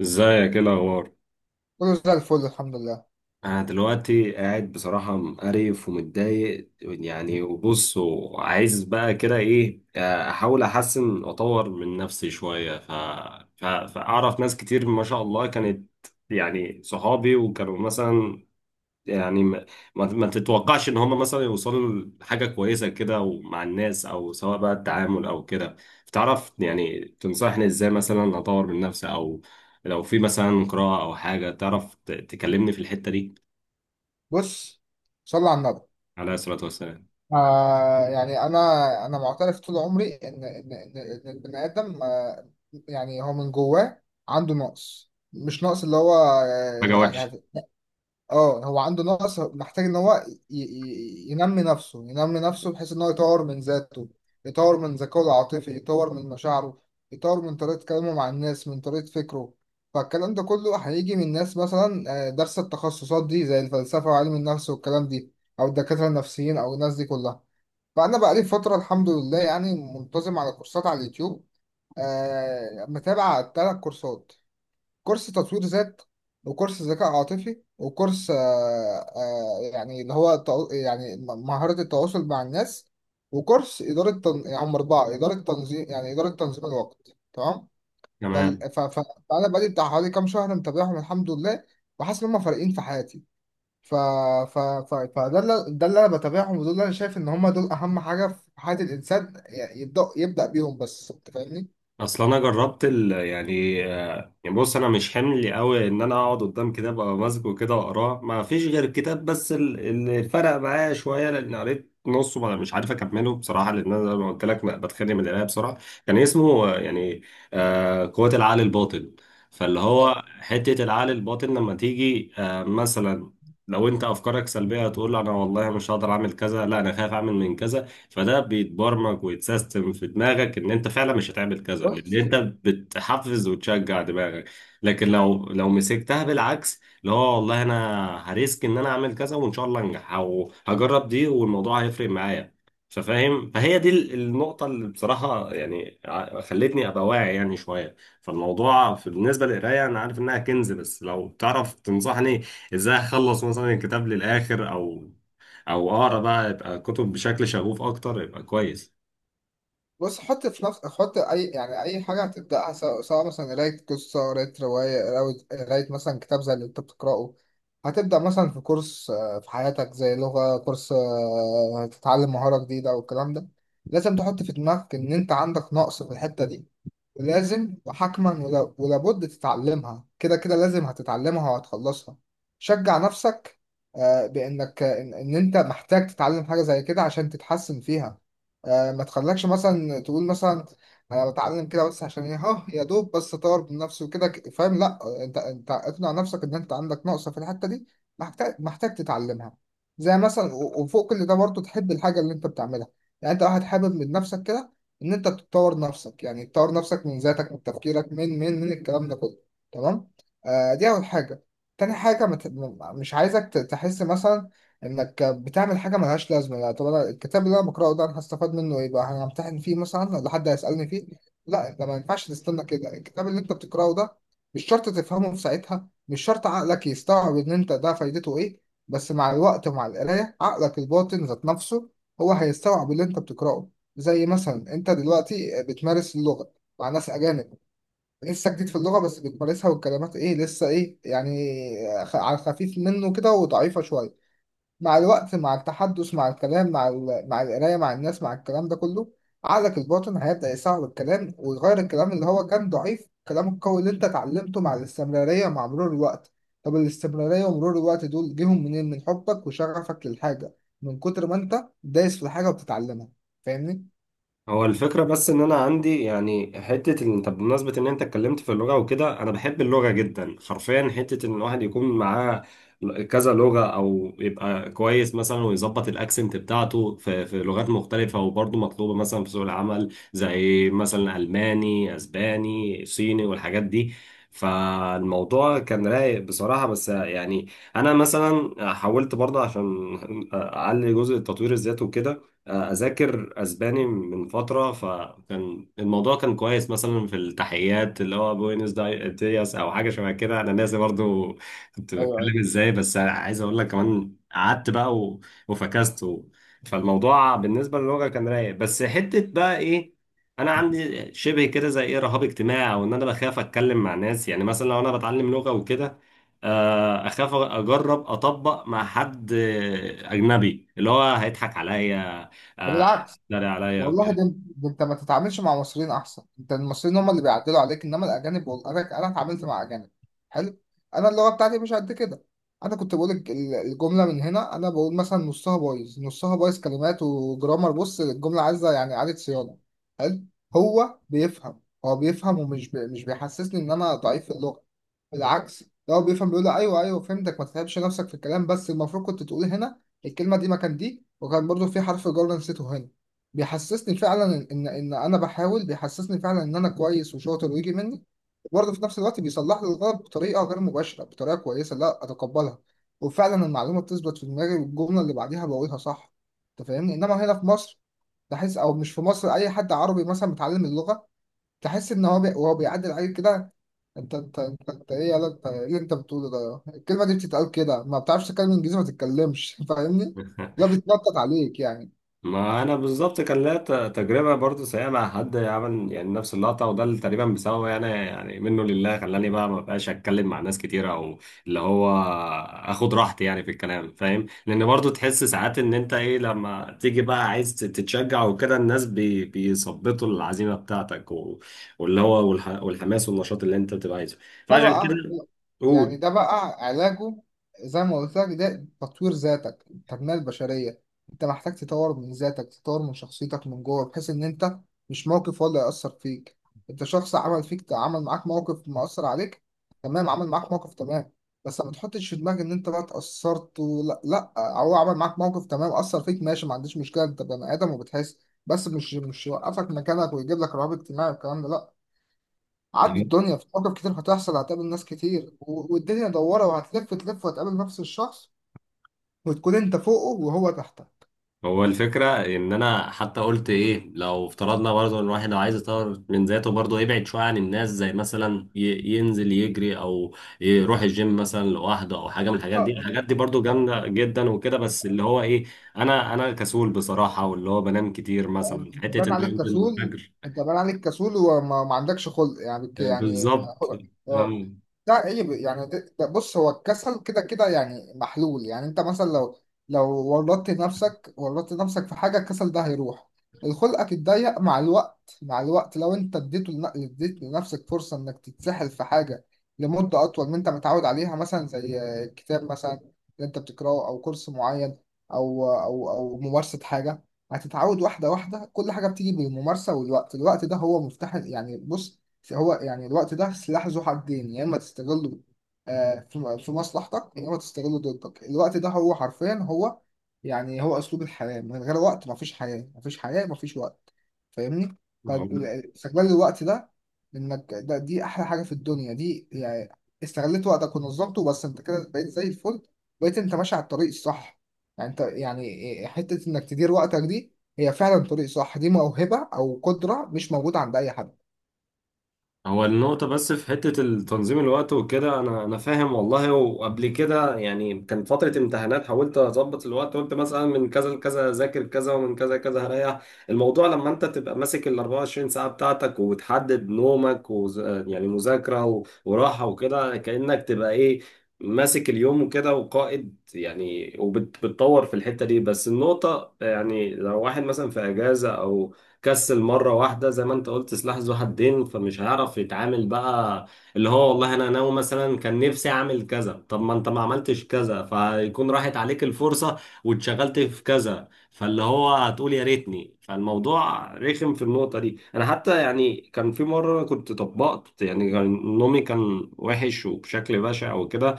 ازيك؟ ايه الاخبار؟ كله زي الفل، الحمد لله. انا دلوقتي قاعد بصراحه مقرف ومتضايق، يعني وبص وعايز بقى كده ايه احاول احسن واطور من نفسي شويه. فاعرف ناس كتير ما شاء الله كانت يعني صحابي، وكانوا مثلا يعني ما تتوقعش ان هم مثلا يوصلوا لحاجه كويسه كده، ومع الناس او سواء بقى التعامل او كده. فتعرف يعني تنصحني ازاي مثلا اطور من نفسي، او لو في مثلا قراءه او حاجه تعرف تكلمني في الحته دي؟ بص، صلى على النبي. عليه الصلاه والسلام. انا انا معترف طول عمري ان ان ان إن البني ادم هو من جواه عنده نقص، مش نقص اللي هو حاجه وحشه. اه هو عنده نقص، محتاج ان هو ينمي نفسه، ينمي نفسه بحيث ان هو يطور من ذاته، يطور من ذكائه العاطفي، يطور من مشاعره، يطور من طريقة كلامه مع الناس، من طريقة فكره. فالكلام ده كله هيجي من ناس مثلا دارسة التخصصات دي زي الفلسفة وعلم النفس والكلام دي، او الدكاترة النفسيين، او الناس دي كلها. فانا بقالي فترة، الحمد لله، يعني منتظم على كورسات على اليوتيوب. متابع 3 كورسات: كورس تطوير ذات، وكورس ذكاء عاطفي، وكورس اللي هو مهارة التواصل مع الناس، وكورس إدارة يعني هم 4: إدارة تنظيم، يعني إدارة تنظيم الوقت، تمام. فال... تمام. ف... ف... فأنا بقالي بتاع حوالي كام شهر متابعهم، الحمد لله، وحاسس إن هم فارقين في حياتي. ف... ف... فده اللي أنا بتابعهم، ودول اللي أنا شايف إن هم دول أهم حاجة في حياة الإنسان، يبدأ بيهم. بس أنت فاهمني؟ اصل انا جربت ال يعني آه، يعني بص، انا مش حمل قوي ان انا اقعد قدام كتاب ابقى ماسكه كده واقراه، ما فيش غير الكتاب بس. اللي فرق معايا شويه، لان قريت نصه مش عارف اكمله بصراحه، لان انا زي ما قلت لك بتخانق من القرايه بسرعه. كان اسمه قوه العقل الباطن. فاللي اه، هو حته العقل الباطن لما تيجي مثلا، لو انت افكارك سلبيه هتقول انا والله مش هقدر اعمل كذا، لا انا خايف اعمل من كذا. فده بيتبرمج ويتسيستم في دماغك ان انت فعلا مش هتعمل كذا، لان بس انت بتحفز وتشجع دماغك. لكن لو مسكتها بالعكس، اللي هو والله انا هريسك ان انا اعمل كذا وان شاء الله انجح، او هجرب دي والموضوع هيفرق معايا. ففاهم، فهي دي النقطة اللي بصراحة يعني خلتني أبقى واعي يعني شوية. فالموضوع بالنسبة للقراية أنا عارف إنها كنز، بس لو تعرف تنصحني إزاي أخلص مثلا الكتاب للآخر، أو او اقرا بقى يبقى كتب بشكل شغوف اكتر يبقى كويس. بص، حط في نفس حط اي حاجه هتبداها، سواء مثلا قرايه قصه، قرايه روايه، قراية مثلا كتاب زي اللي انت بتقراه، هتبدا مثلا في كورس في حياتك، زي لغه، كورس، هتتعلم مهاره جديده والكلام ده، لازم تحط في دماغك ان انت عندك نقص في الحته دي، ولازم وحتما ولابد تتعلمها، كده كده لازم هتتعلمها وهتخلصها. شجع نفسك بانك إن انت محتاج تتعلم حاجه زي كده عشان تتحسن فيها. ما تخليكش مثلا تقول مثلا: انا بتعلم كده بس عشان ايه، ها؟ يا دوب بس اطور من نفسي وكده، فاهم؟ لا، انت اقنع نفسك ان انت عندك نقصه في الحته دي، محتاج تتعلمها. زي مثلا، وفوق كل ده برضه تحب الحاجه اللي انت بتعملها، يعني انت واحد حابب من نفسك كده ان انت تطور نفسك، يعني تطور نفسك من ذاتك، من تفكيرك، من الكلام ده كله، تمام. دي اول حاجه. تاني حاجه: ما ت- ما- مش عايزك تحس مثلا انك بتعمل حاجه ملهاش لازمه، لا طب انا الكتاب اللي انا بقراه ده، انا هستفاد منه ايه بقى؟ انا همتحن فيه مثلا ولا حد هيسالني فيه؟ لا، انت ما ينفعش تستنى كده. الكتاب اللي انت بتقراه ده، مش شرط تفهمه في ساعتها، مش شرط عقلك يستوعب ان انت ده فايدته ايه، بس مع الوقت ومع القرايه، عقلك الباطن ذات نفسه هو هيستوعب اللي انت بتقراه. زي مثلا انت دلوقتي بتمارس اللغه مع ناس اجانب، لسه جديد في اللغه بس بتمارسها، والكلمات ايه لسه ايه يعني، على خفيف منه كده وضعيفه شويه. مع الوقت، مع التحدث، مع الكلام، مع القرايه، مع الناس، مع الكلام ده كله، عقلك الباطن هيبدا يصعب الكلام ويغير الكلام اللي هو كان ضعيف، الكلام القوي اللي انت اتعلمته، مع الاستمراريه مع مرور الوقت. طب الاستمراريه ومرور الوقت دول جيهم منين؟ من حبك وشغفك للحاجه، من كتر ما انت دايس في الحاجه وبتتعلمها. فاهمني؟ هو الفكرة بس إن أنا عندي يعني حتة إن، طب بمناسبة إن أنت اتكلمت في اللغة وكده، أنا بحب اللغة جدا حرفيا، حتة إن الواحد يكون معاه كذا لغة أو يبقى كويس مثلا ويظبط الأكسنت بتاعته في لغات مختلفة، وبرضه مطلوبة مثلا في سوق العمل زي مثلا ألماني أسباني صيني والحاجات دي. فالموضوع كان رايق بصراحة، بس يعني أنا مثلا حاولت برضه عشان أعلي جزء التطوير الذاتي وكده اذاكر اسباني من فتره، فكان الموضوع كان كويس مثلا في التحيات اللي هو بوينس دياس او حاجه شبه كده، انا ناسي برضو كنت ايوه، بتكلم ازاي. بس عايز اقول لك كمان قعدت بقى وفكست فالموضوع بالنسبه للغه كان رايق، بس حته بقى ايه، انا عندي شبه كده زي ايه رهاب اجتماعي، او ان انا بخاف اتكلم مع ناس. يعني مثلا لو انا بتعلم لغه وكده، اخاف اجرب اطبق مع حد اجنبي اللي هو هيضحك عليا، آه، بالعكس، اتريق عليا والله ده وكده. انت ده انت ما تتعاملش مع مصريين احسن، انت، المصريين هم اللي بيعدلوا عليك، انما الاجانب انا اتعاملت مع اجانب. حلو، انا اللغه بتاعتي مش قد كده، انا كنت بقول الجمله من هنا، انا بقول مثلا نصها بايظ، نصها بايظ كلمات وجرامر، بص الجمله عايزه يعني اعاده صيانه. حلو، هو بيفهم، هو بيفهم، مش بيحسسني ان انا ضعيف في اللغه، بالعكس، ده هو بيفهم، بيقول لي: ايوه، ايوه فهمتك، ما تتعبش نفسك في الكلام، بس المفروض كنت تقول هنا الكلمه دي مكان دي، وكان برضو في حرف جر نسيته هنا. بيحسسني فعلا ان انا بحاول، بيحسسني فعلا ان انا كويس وشاطر ويجي مني، وبرضه في نفس الوقت بيصلح لي الغلط بطريقه غير مباشره، بطريقه كويسه لا اتقبلها، وفعلا المعلومه بتثبت في دماغي والجمله اللي بعديها بقولها صح. انت فاهمني؟ انما هنا في مصر تحس، او مش في مصر، اي حد عربي مثلا متعلم اللغه، تحس ان هو وهو بيعدل عليك كده، انت ايه يلا، انت ايه اللي انت بتقوله ده، الكلمه دي بتتقال كده، ما بتعرفش تتكلم انجليزي ما تتكلمش فاهمني؟ لا، بيتنطط عليك يعني. ما انا بالظبط كان ليا تجربه برضو سيئه مع حد عمل يعني نفس اللقطه، وده اللي تقريبا بسببه يعني منه لله خلاني بقى ما بقاش اتكلم مع ناس كتير، او اللي هو اخد راحتي يعني في الكلام، فاهم؟ لان برضو تحس ساعات ان انت ايه، لما تيجي بقى عايز تتشجع وكده، الناس بيثبطوا العزيمه بتاعتك واللي هو والحماس والنشاط اللي انت بتبقى عايزه. ده فعشان بقى كده قول. ده بقى علاجه، زي ما قلت لك، ده تطوير ذاتك، التنمية البشرية. انت محتاج تطور من ذاتك، تطور من شخصيتك من جوه، بحيث ان انت مش موقف هو اللي يأثر فيك. انت شخص، عمل فيك، عمل معاك موقف مأثر عليك، تمام، عمل معاك موقف، تمام. بس ما تحطش في دماغك ان انت بقى اتأثرت، ولا لا لا، هو عمل معاك موقف، تمام، أثر فيك ماشي، ما عنديش مشكلة، انت بني آدم وبتحس، بس مش يوقفك مكانك ويجيب لك رهاب اجتماعي والكلام ده، لا. عدي، الدنيا في مواقف كتير هتحصل، هتقابل ناس كتير، والدنيا دوارة وهتلف تلف، وهتقابل نفس الشخص وتكون انت فوقه وهو تحتك. هو الفكرة إن أنا حتى قلت إيه، لو افترضنا برضه إن الواحد لو عايز يطور من ذاته برضه يبعد شوية عن الناس، زي مثلا ينزل يجري أو يروح الجيم مثلا لوحده، أو حاجة من الحاجات دي. اه، اه، الحاجات دي طبعا، برضه طبعا. جامدة جدا وكده، بس اللي هو إيه، أنا كسول بصراحة واللي هو بنام كتير، مثلا انت حتة باين إن أنا عليك أنزل كسول، الفجر. انت باين عليك كسول وما ما عندكش خلق يعني، آه، بالظبط. خلق. اه، آه. ده عيب يعني، ده ده بص، هو الكسل كده كده يعني محلول، يعني انت مثلا لو ورطت نفسك، ورطت نفسك في حاجه، الكسل ده هيروح، الخلقك اتضيق مع الوقت، مع الوقت لو انت اديته لن- اديت لنفسك فرصه انك تتسحل في حاجه لمده اطول من انت متعود عليها، مثلا زي كتاب مثلا اللي انت بتقراه، او كورس معين، او ممارسه حاجه، هتتعود واحدة واحدة، كل حاجة بتيجي بالممارسة والوقت. الوقت ده هو مفتاح، يعني بص، هو يعني الوقت ده سلاح ذو حدين، يا إما تستغله في مصلحتك، يا إما تستغله ضدك. الوقت ده هو حرفيا هو أسلوب الحياة، من غير وقت مفيش حياة، مفيش حياة مفيش وقت. فاهمني؟ فاستغلال الوقت ده، إنك ده دي أحلى حاجة في الدنيا دي، يعني استغلت وقتك ونظمته بس، أنت كده بقيت زي الفل، بقيت أنت ماشي على الطريق الصح. يعني انت، يعني حتة انك تدير وقتك دي، هي فعلا طريق صح، دي موهبة او قدرة مش موجودة عند اي حد. هو النقطة بس في حتة التنظيم الوقت وكده، أنا فاهم والله. وقبل كده يعني كان فترة امتحانات حاولت أظبط الوقت، قلت مثلا من كذا لكذا أذاكر كذا، ومن كذا لكذا هريح. الموضوع لما أنت تبقى ماسك ال 24 ساعة بتاعتك وتحدد نومك يعني مذاكرة وراحة وكده، كأنك تبقى إيه، ماسك اليوم وكده وقائد يعني، وبتطور في الحتة دي. بس النقطة يعني لو واحد مثلا في أجازة أو كسل مرة واحدة، زي ما انت قلت سلاح ذو حدين، فمش هيعرف يتعامل بقى. اللي هو والله انا ناوي مثلا كان نفسي اعمل كذا، طب ما انت ما عملتش كذا، فيكون راحت عليك الفرصة واتشغلت في كذا، فاللي هو هتقول يا ريتني. فالموضوع رخم في النقطة دي. انا حتى يعني كان في مرة كنت طبقت، يعني كان نومي كان وحش وبشكل بشع وكده،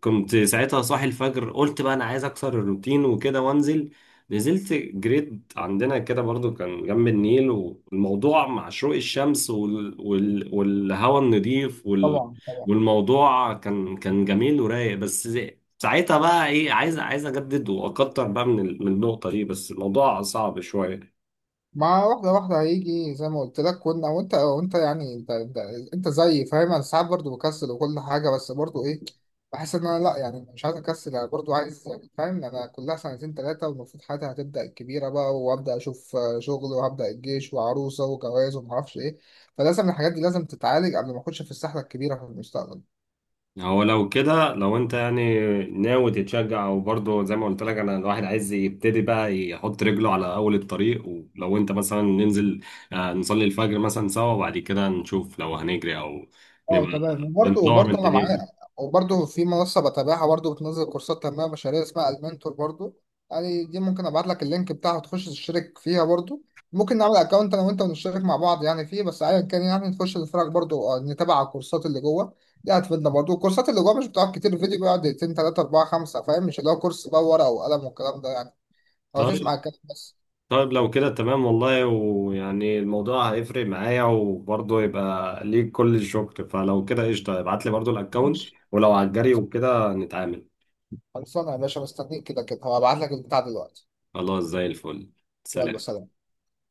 كنت ساعتها صاحي الفجر، قلت بقى انا عايز اكسر الروتين وكده وانزل. نزلت جريد عندنا كده برضو كان جنب النيل، والموضوع مع شروق الشمس والهواء النظيف طبعا، طبعا، والموضوع كان جميل ورايق. بس ساعتها بقى ايه، عايز اجدد واكتر بقى من من النقطة دي، بس الموضوع صعب شوية. مع واحدة واحدة هيجي زي ما قلت لك. كنا وانت يعني انت زي، فاهم، انا ساعات برضه بكسل وكل حاجة، بس برضه ايه، بحس ان انا لا، يعني مش عايز اكسل، انا برضه عايز، فاهم، انا كلها سنتين ثلاثة والمفروض حياتي هتبدأ الكبيرة بقى، وابدأ اشوف شغل وهبدأ الجيش وعروسة وجواز ومعرفش ايه، فلازم الحاجات دي لازم تتعالج قبل ما اخش في السحلة الكبيرة في المستقبل. هو لو كده لو انت يعني ناوي تتشجع، وبرضه زي ما قلت لك انا الواحد عايز يبتدي بقى يحط رجله على اول الطريق، ولو انت مثلا ننزل نصلي الفجر مثلا سوا، وبعد كده نشوف لو هنجري او اه نبقى تمام، وبرضه بندور من وبرضه انا دنيتنا. معايا، وبرضه في منصه بتابعها برضه، بتنزل كورسات تنميه بشريه اسمها المنتور برضه، يعني دي ممكن ابعت لك اللينك بتاعها تخش تشترك فيها برضه، ممكن نعمل اكونت انا وانت ونشترك مع بعض يعني فيه، بس ايا كان يعني نخش نتفرج برضه، نتابع على الكورسات اللي جوه، دي هتفيدنا برضه. الكورسات اللي جوه مش بتقعد كتير، الفيديو بيقعد دقيقتين 3 4 5، فاهم، مش اللي هو كورس بقى ورقه وقلم والكلام ده يعني، هو تسمع طيب. الكلام بس. طيب لو كده تمام والله، ويعني الموضوع هيفرق معايا وبرضه يبقى ليك كل الشكر. فلو كده قشطة، ابعت لي برضه الاكونت، ماشي. ولو على الجري خلص- وكده نتعامل. خلصانه يا باشا، مستنيك كده كده، هبعت لك البتاع دلوقتي. خلاص زي الفل. يلا، سلام. سلام.